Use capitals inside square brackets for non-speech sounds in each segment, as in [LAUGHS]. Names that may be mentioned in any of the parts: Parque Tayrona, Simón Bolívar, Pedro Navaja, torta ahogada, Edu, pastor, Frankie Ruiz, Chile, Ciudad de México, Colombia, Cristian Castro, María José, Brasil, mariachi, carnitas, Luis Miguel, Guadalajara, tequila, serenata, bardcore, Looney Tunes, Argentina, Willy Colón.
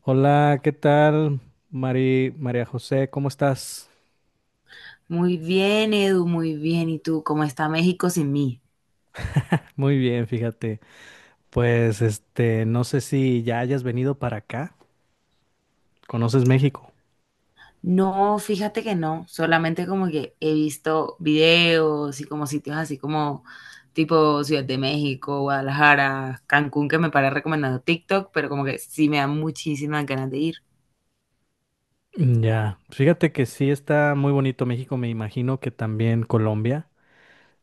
Hola, ¿qué tal? Mari, María José, ¿cómo estás? Muy bien, Edu, muy bien. ¿Y tú, cómo está México sin mí? Muy bien, fíjate. Pues no sé si ya hayas venido para acá. ¿Conoces México? No, fíjate que no, solamente como que he visto videos y como sitios así como tipo Ciudad de México, Guadalajara, Cancún, que me para recomendando TikTok, pero como que sí me da muchísimas ganas de ir. Ya, fíjate que sí está muy bonito México, me imagino que también Colombia.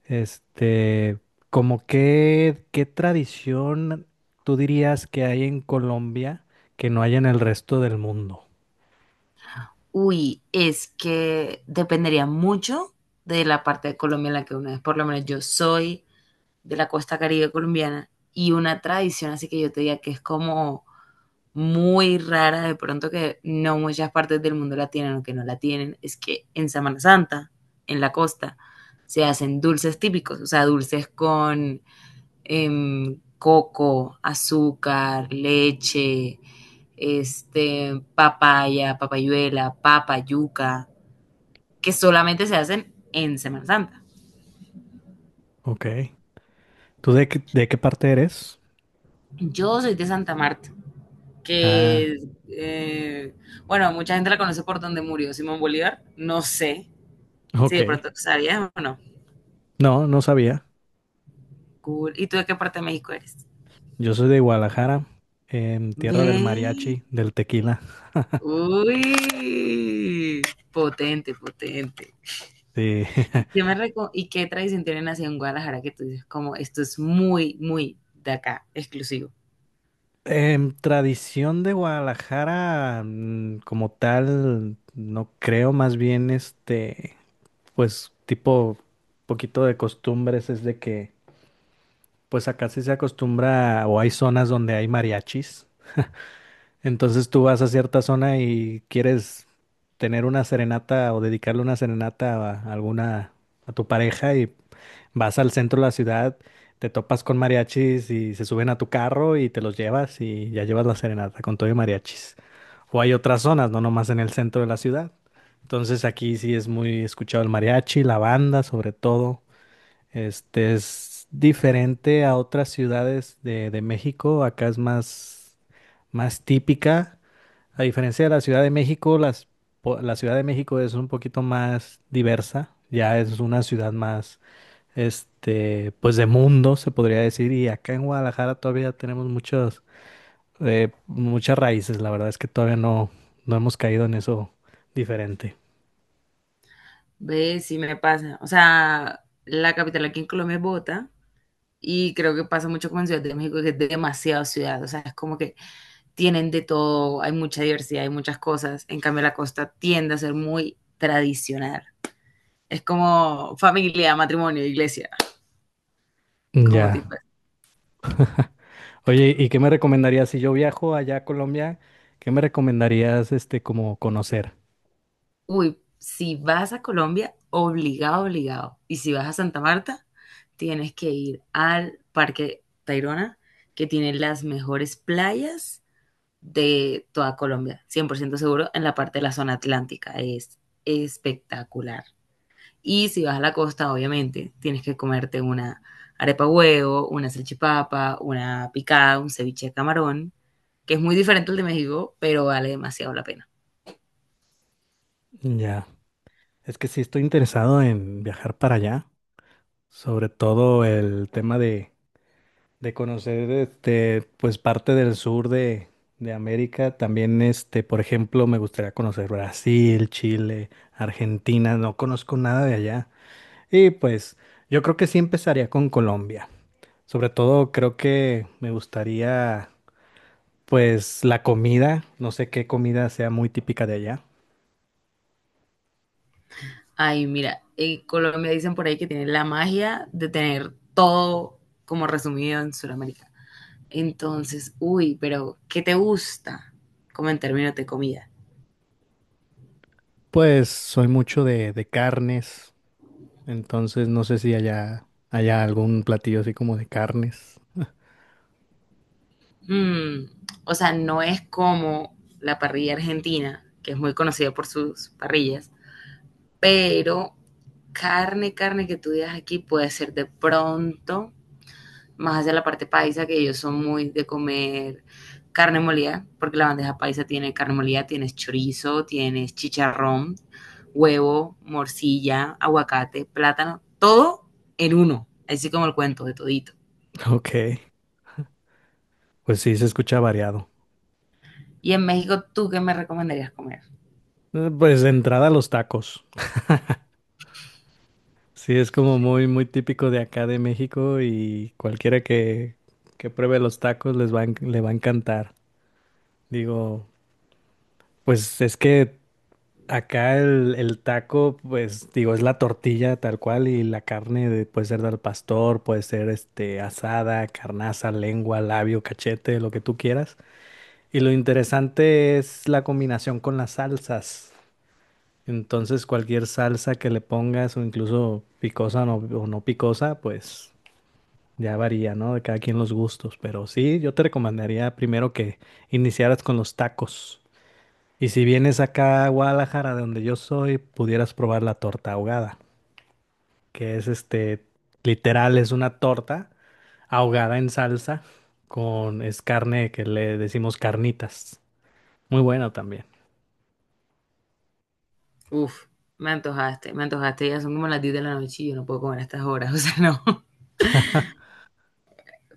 Este, como qué tradición tú dirías que hay en Colombia que no hay en el resto del mundo? Uy, es que dependería mucho de la parte de Colombia en la que uno es. Por lo menos yo soy de la costa caribe colombiana y una tradición, así que yo te diga que es como muy rara, de pronto que no muchas partes del mundo la tienen o que no la tienen, es que en Semana Santa, en la costa, se hacen dulces típicos, o sea, dulces con coco, azúcar, leche, papaya, papayuela, papa, yuca, que solamente se hacen en Semana Santa. Ok. ¿Tú de qué parte eres? Yo soy de Santa Marta, Ah, que, eh, bueno, mucha gente la conoce por donde murió Simón Bolívar, no sé, si ok. de pronto tú sabías o no. No, no sabía. Cool. ¿Y tú de qué parte de México eres? Yo soy de Guadalajara, tierra del Ve, mariachi, del tequila. uy, potente, potente. Sí. [LAUGHS] ¿Qué me reco- ¿Y qué tradición tienen así en Guadalajara que tú dices, como esto es muy, muy de acá, exclusivo? Tradición de Guadalajara, como tal, no creo, más bien pues tipo, poquito de costumbres es de que, pues acá sí se acostumbra o hay zonas donde hay mariachis. Entonces tú vas a cierta zona y quieres tener una serenata o dedicarle una serenata a alguna, a tu pareja y vas al centro de la ciudad, te topas con mariachis y se suben a tu carro y te los llevas y ya llevas la serenata con todo y mariachis. O hay otras zonas, no nomás en el centro de la ciudad. Entonces aquí sí es muy escuchado el mariachi, la banda sobre todo. Este es diferente a otras ciudades de México. Acá es más típica. A diferencia de la Ciudad de México, la Ciudad de México es un poquito más diversa, ya es una ciudad más, pues de mundo, se podría decir, y acá en Guadalajara todavía tenemos muchos, muchas raíces, la verdad es que todavía no, no hemos caído en eso diferente. Ve, sí me pasa. O sea, la capital aquí en Colombia es Bogotá y creo que pasa mucho como en Ciudad de México, que es demasiado ciudad. O sea, es como que tienen de todo, hay mucha diversidad, hay muchas cosas. En cambio, la costa tiende a ser muy tradicional. Es como familia, matrimonio, iglesia, como tipo, Ya. Oye, ¿y qué me recomendarías si yo viajo allá a Colombia? ¿Qué me recomendarías, como conocer? uy, si vas a Colombia, obligado, obligado. Y si vas a Santa Marta, tienes que ir al Parque Tayrona, que tiene las mejores playas de toda Colombia, 100% seguro, en la parte de la zona atlántica. Es espectacular. Y si vas a la costa, obviamente, tienes que comerte una arepa huevo, una salchipapa, una picada, un ceviche de camarón, que es muy diferente al de México, pero vale demasiado la pena. Ya. Es que sí estoy interesado en viajar para allá, sobre todo el tema de conocer pues parte de América. También, por ejemplo, me gustaría conocer Brasil, Chile, Argentina. No conozco nada de allá. Y pues yo creo que sí empezaría con Colombia. Sobre todo creo que me gustaría pues la comida. No sé qué comida sea muy típica de allá. Ay, mira, en Colombia dicen por ahí que tiene la magia de tener todo como resumido en Sudamérica. Entonces, uy, pero ¿qué te gusta? Como en términos de comida. Pues soy mucho de carnes. Entonces no sé si allá haya algún platillo así como de carnes. Mm, o sea, no es como la parrilla argentina, que es muy conocida por sus parrillas, pero carne, carne que tú digas aquí puede ser de pronto, más hacia la parte paisa, que ellos son muy de comer carne molida, porque la bandeja paisa tiene carne molida, tienes chorizo, tienes chicharrón, huevo, morcilla, aguacate, plátano, todo en uno, así como el cuento de todito. [LAUGHS] Ok. Pues sí, se escucha variado. Y en México, ¿tú qué me recomendarías comer? Pues de entrada los tacos. Sí, es como muy, muy típico de acá de México y que pruebe los tacos les va a, enc- le va a encantar. Digo, pues es que acá el taco, pues digo, es la tortilla tal cual y la puede ser del pastor, puede ser este asada, carnaza, lengua, labio, cachete, lo que tú quieras. Y lo interesante es la combinación con las salsas. Entonces cualquier salsa que le pongas o no picosa, pues ya varía, ¿no? De cada quien los gustos. Pero sí, yo te recomendaría primero que iniciaras con los tacos. Y si vienes acá a Guadalajara, de donde yo soy, pudieras probar la torta ahogada, que es literal, es una torta ahogada en salsa con, es carne que le decimos carnitas. Muy bueno también. Uf, me antojaste, ya son como las 10 de la noche y yo no puedo comer a estas horas, [LAUGHS] o sea, no.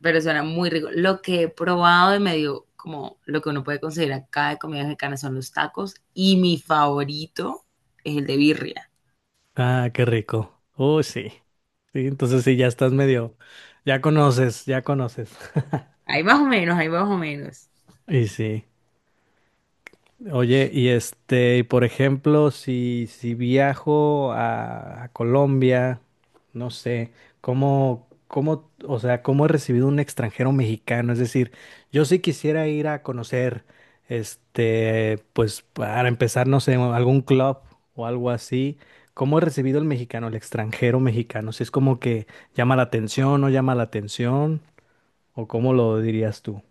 Pero suena muy rico. Lo que he probado y me dio como lo que uno puede conseguir acá de comida mexicana son los tacos y mi favorito es el de birria. Ah, qué rico. Uy, sí. Sí, entonces sí, ya estás medio, ya conoces, ya conoces. [LAUGHS] Ahí más o menos, ahí más o menos. Y sí. Oye, y por ejemplo, si viajo a Colombia, no sé, o sea, ¿cómo he recibido un extranjero mexicano? Es decir, yo sí quisiera ir a conocer, pues para empezar, no sé, algún club o algo así. ¿Cómo he recibido el mexicano, el extranjero mexicano? Si es como que llama la atención, no llama la atención, o cómo lo dirías tú.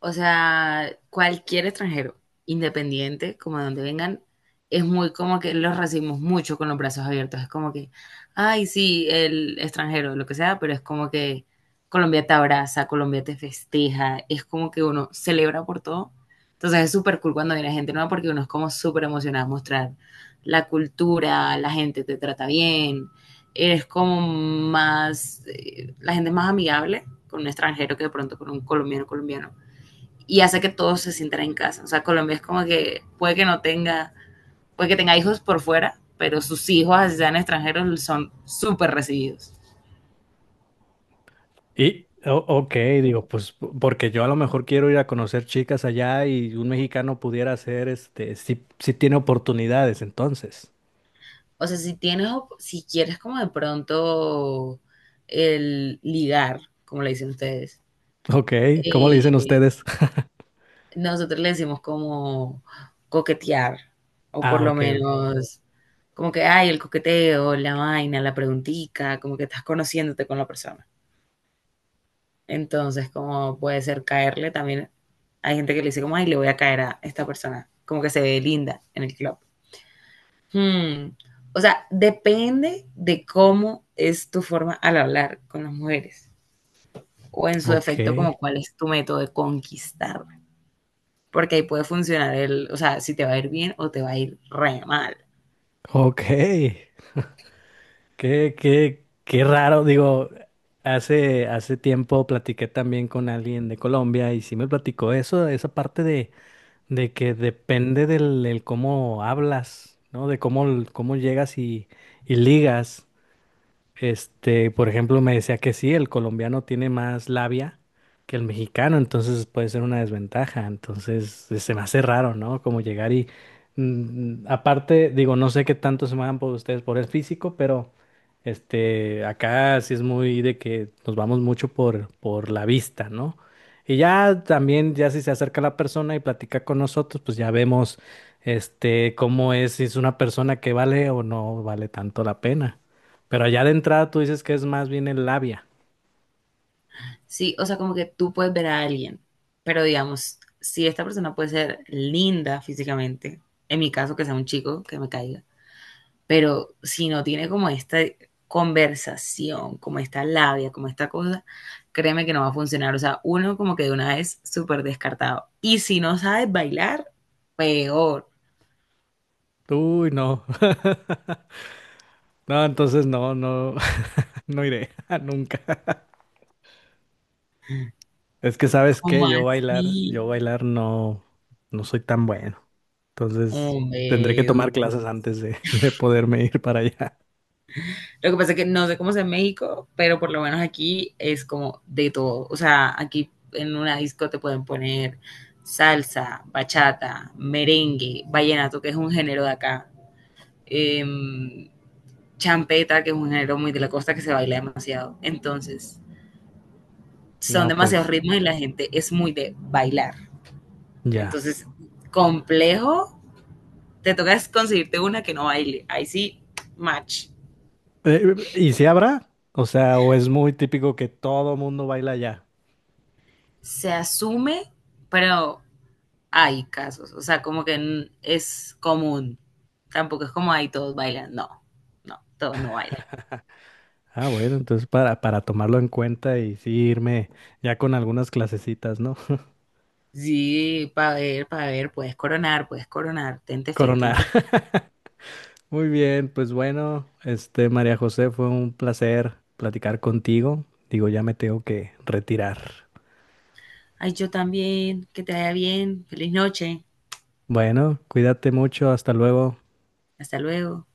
O sea, cualquier extranjero, independiente, como de donde vengan, es muy como que los recibimos mucho con los brazos abiertos. Es como que, ay, sí, el extranjero, lo que sea, pero es como que Colombia te abraza, Colombia te festeja, es como que uno celebra por todo. Entonces es súper cool cuando viene gente nueva porque uno es como súper emocionado a mostrar la cultura, la gente te trata bien, eres como más, la gente es más amigable con un extranjero que de pronto con un colombiano colombiano y hace que todos se sientan en casa. O sea, Colombia es como que puede que no tenga, puede que tenga hijos por fuera, pero sus hijos, así sean extranjeros, son súper recibidos. Y, ok, digo, porque yo a lo mejor quiero ir a conocer chicas allá y un mexicano pudiera hacer, si tiene oportunidades, entonces. O sea, si tienes, si quieres como de pronto el ligar, como le dicen ustedes, Ok, ¿cómo le dicen eh, ustedes? [LAUGHS] nosotros le decimos como coquetear, o por Ah, lo menos como que ay el coqueteo, la vaina, la preguntica, como que estás conociéndote con la persona. Entonces, como puede ser caerle también. Hay gente que le dice como, ay, le voy a caer a esta persona. Como que se ve linda en el club. Hmm. O sea, depende de cómo es tu forma al hablar con las mujeres. O en su ok, defecto, como cuál es tu método de conquistar. Porque ahí puede funcionar el, o sea, si te va a ir bien o te va a ir re mal. ok. Qué raro, digo, hace tiempo platiqué también con alguien de Colombia y sí me platicó eso, esa parte de que depende del cómo hablas, ¿no? Cómo llegas y ligas. Por ejemplo, me decía que sí, el colombiano tiene más labia que el mexicano, entonces puede ser una desventaja. Entonces, se me hace raro, ¿no? Como llegar y aparte, digo, no sé qué tanto se van por ustedes por el físico, pero acá sí es muy de que nos vamos mucho por la vista, ¿no? Y ya también, ya si se acerca la persona y platica con nosotros, pues ya vemos, cómo es, si es una persona que vale o no vale tanto la pena. Pero allá de entrada tú dices que es más bien el labia. Sí, o sea, como que tú puedes ver a alguien, pero digamos, si esta persona puede ser linda físicamente, en mi caso que sea un chico que me caiga, pero si no tiene como esta conversación, como esta labia, como esta cosa, créeme que no va a funcionar. O sea, uno como que de una vez súper descartado. Y si no sabes bailar, peor. Uy, no. [LAUGHS] No, entonces no, no, [LAUGHS] no iré [LAUGHS] nunca. Es que sabes ¿Cómo qué, así? yo bailar no, no soy tan bueno. Entonces tendré Hombre, que Edu. tomar clases antes de, [LAUGHS] de poderme ir para allá. Lo que pasa es que no sé cómo es en México, pero por lo menos aquí es como de todo. O sea, aquí en una disco te pueden poner salsa, bachata, merengue, vallenato, que es un género de acá. Em, champeta, que es un género muy de la costa que se baila demasiado. Entonces, son No, demasiados pues ritmos y la gente es muy de bailar. ya. Entonces, complejo, te toca conseguirte una que no baile. Ahí sí, match. ¿Y si habrá? O sea, o es muy típico que todo mundo baila allá. Se asume, pero hay casos. O sea, como que es común. Tampoco es como ahí todos bailan. No, no, todos no bailan. Ah, bueno, entonces para tomarlo en cuenta y sí irme ya con algunas clasecitas, ¿no? [LAUGHS] Sí, para ver, puedes coronar, puedes coronar. Tente fe, Coronar. tente fe. [LAUGHS] Muy bien, pues bueno, este María José, fue un placer platicar contigo. Digo, ya me tengo que retirar. Ay, yo también, que te vaya bien, feliz noche. Bueno, cuídate mucho, hasta luego. Hasta luego.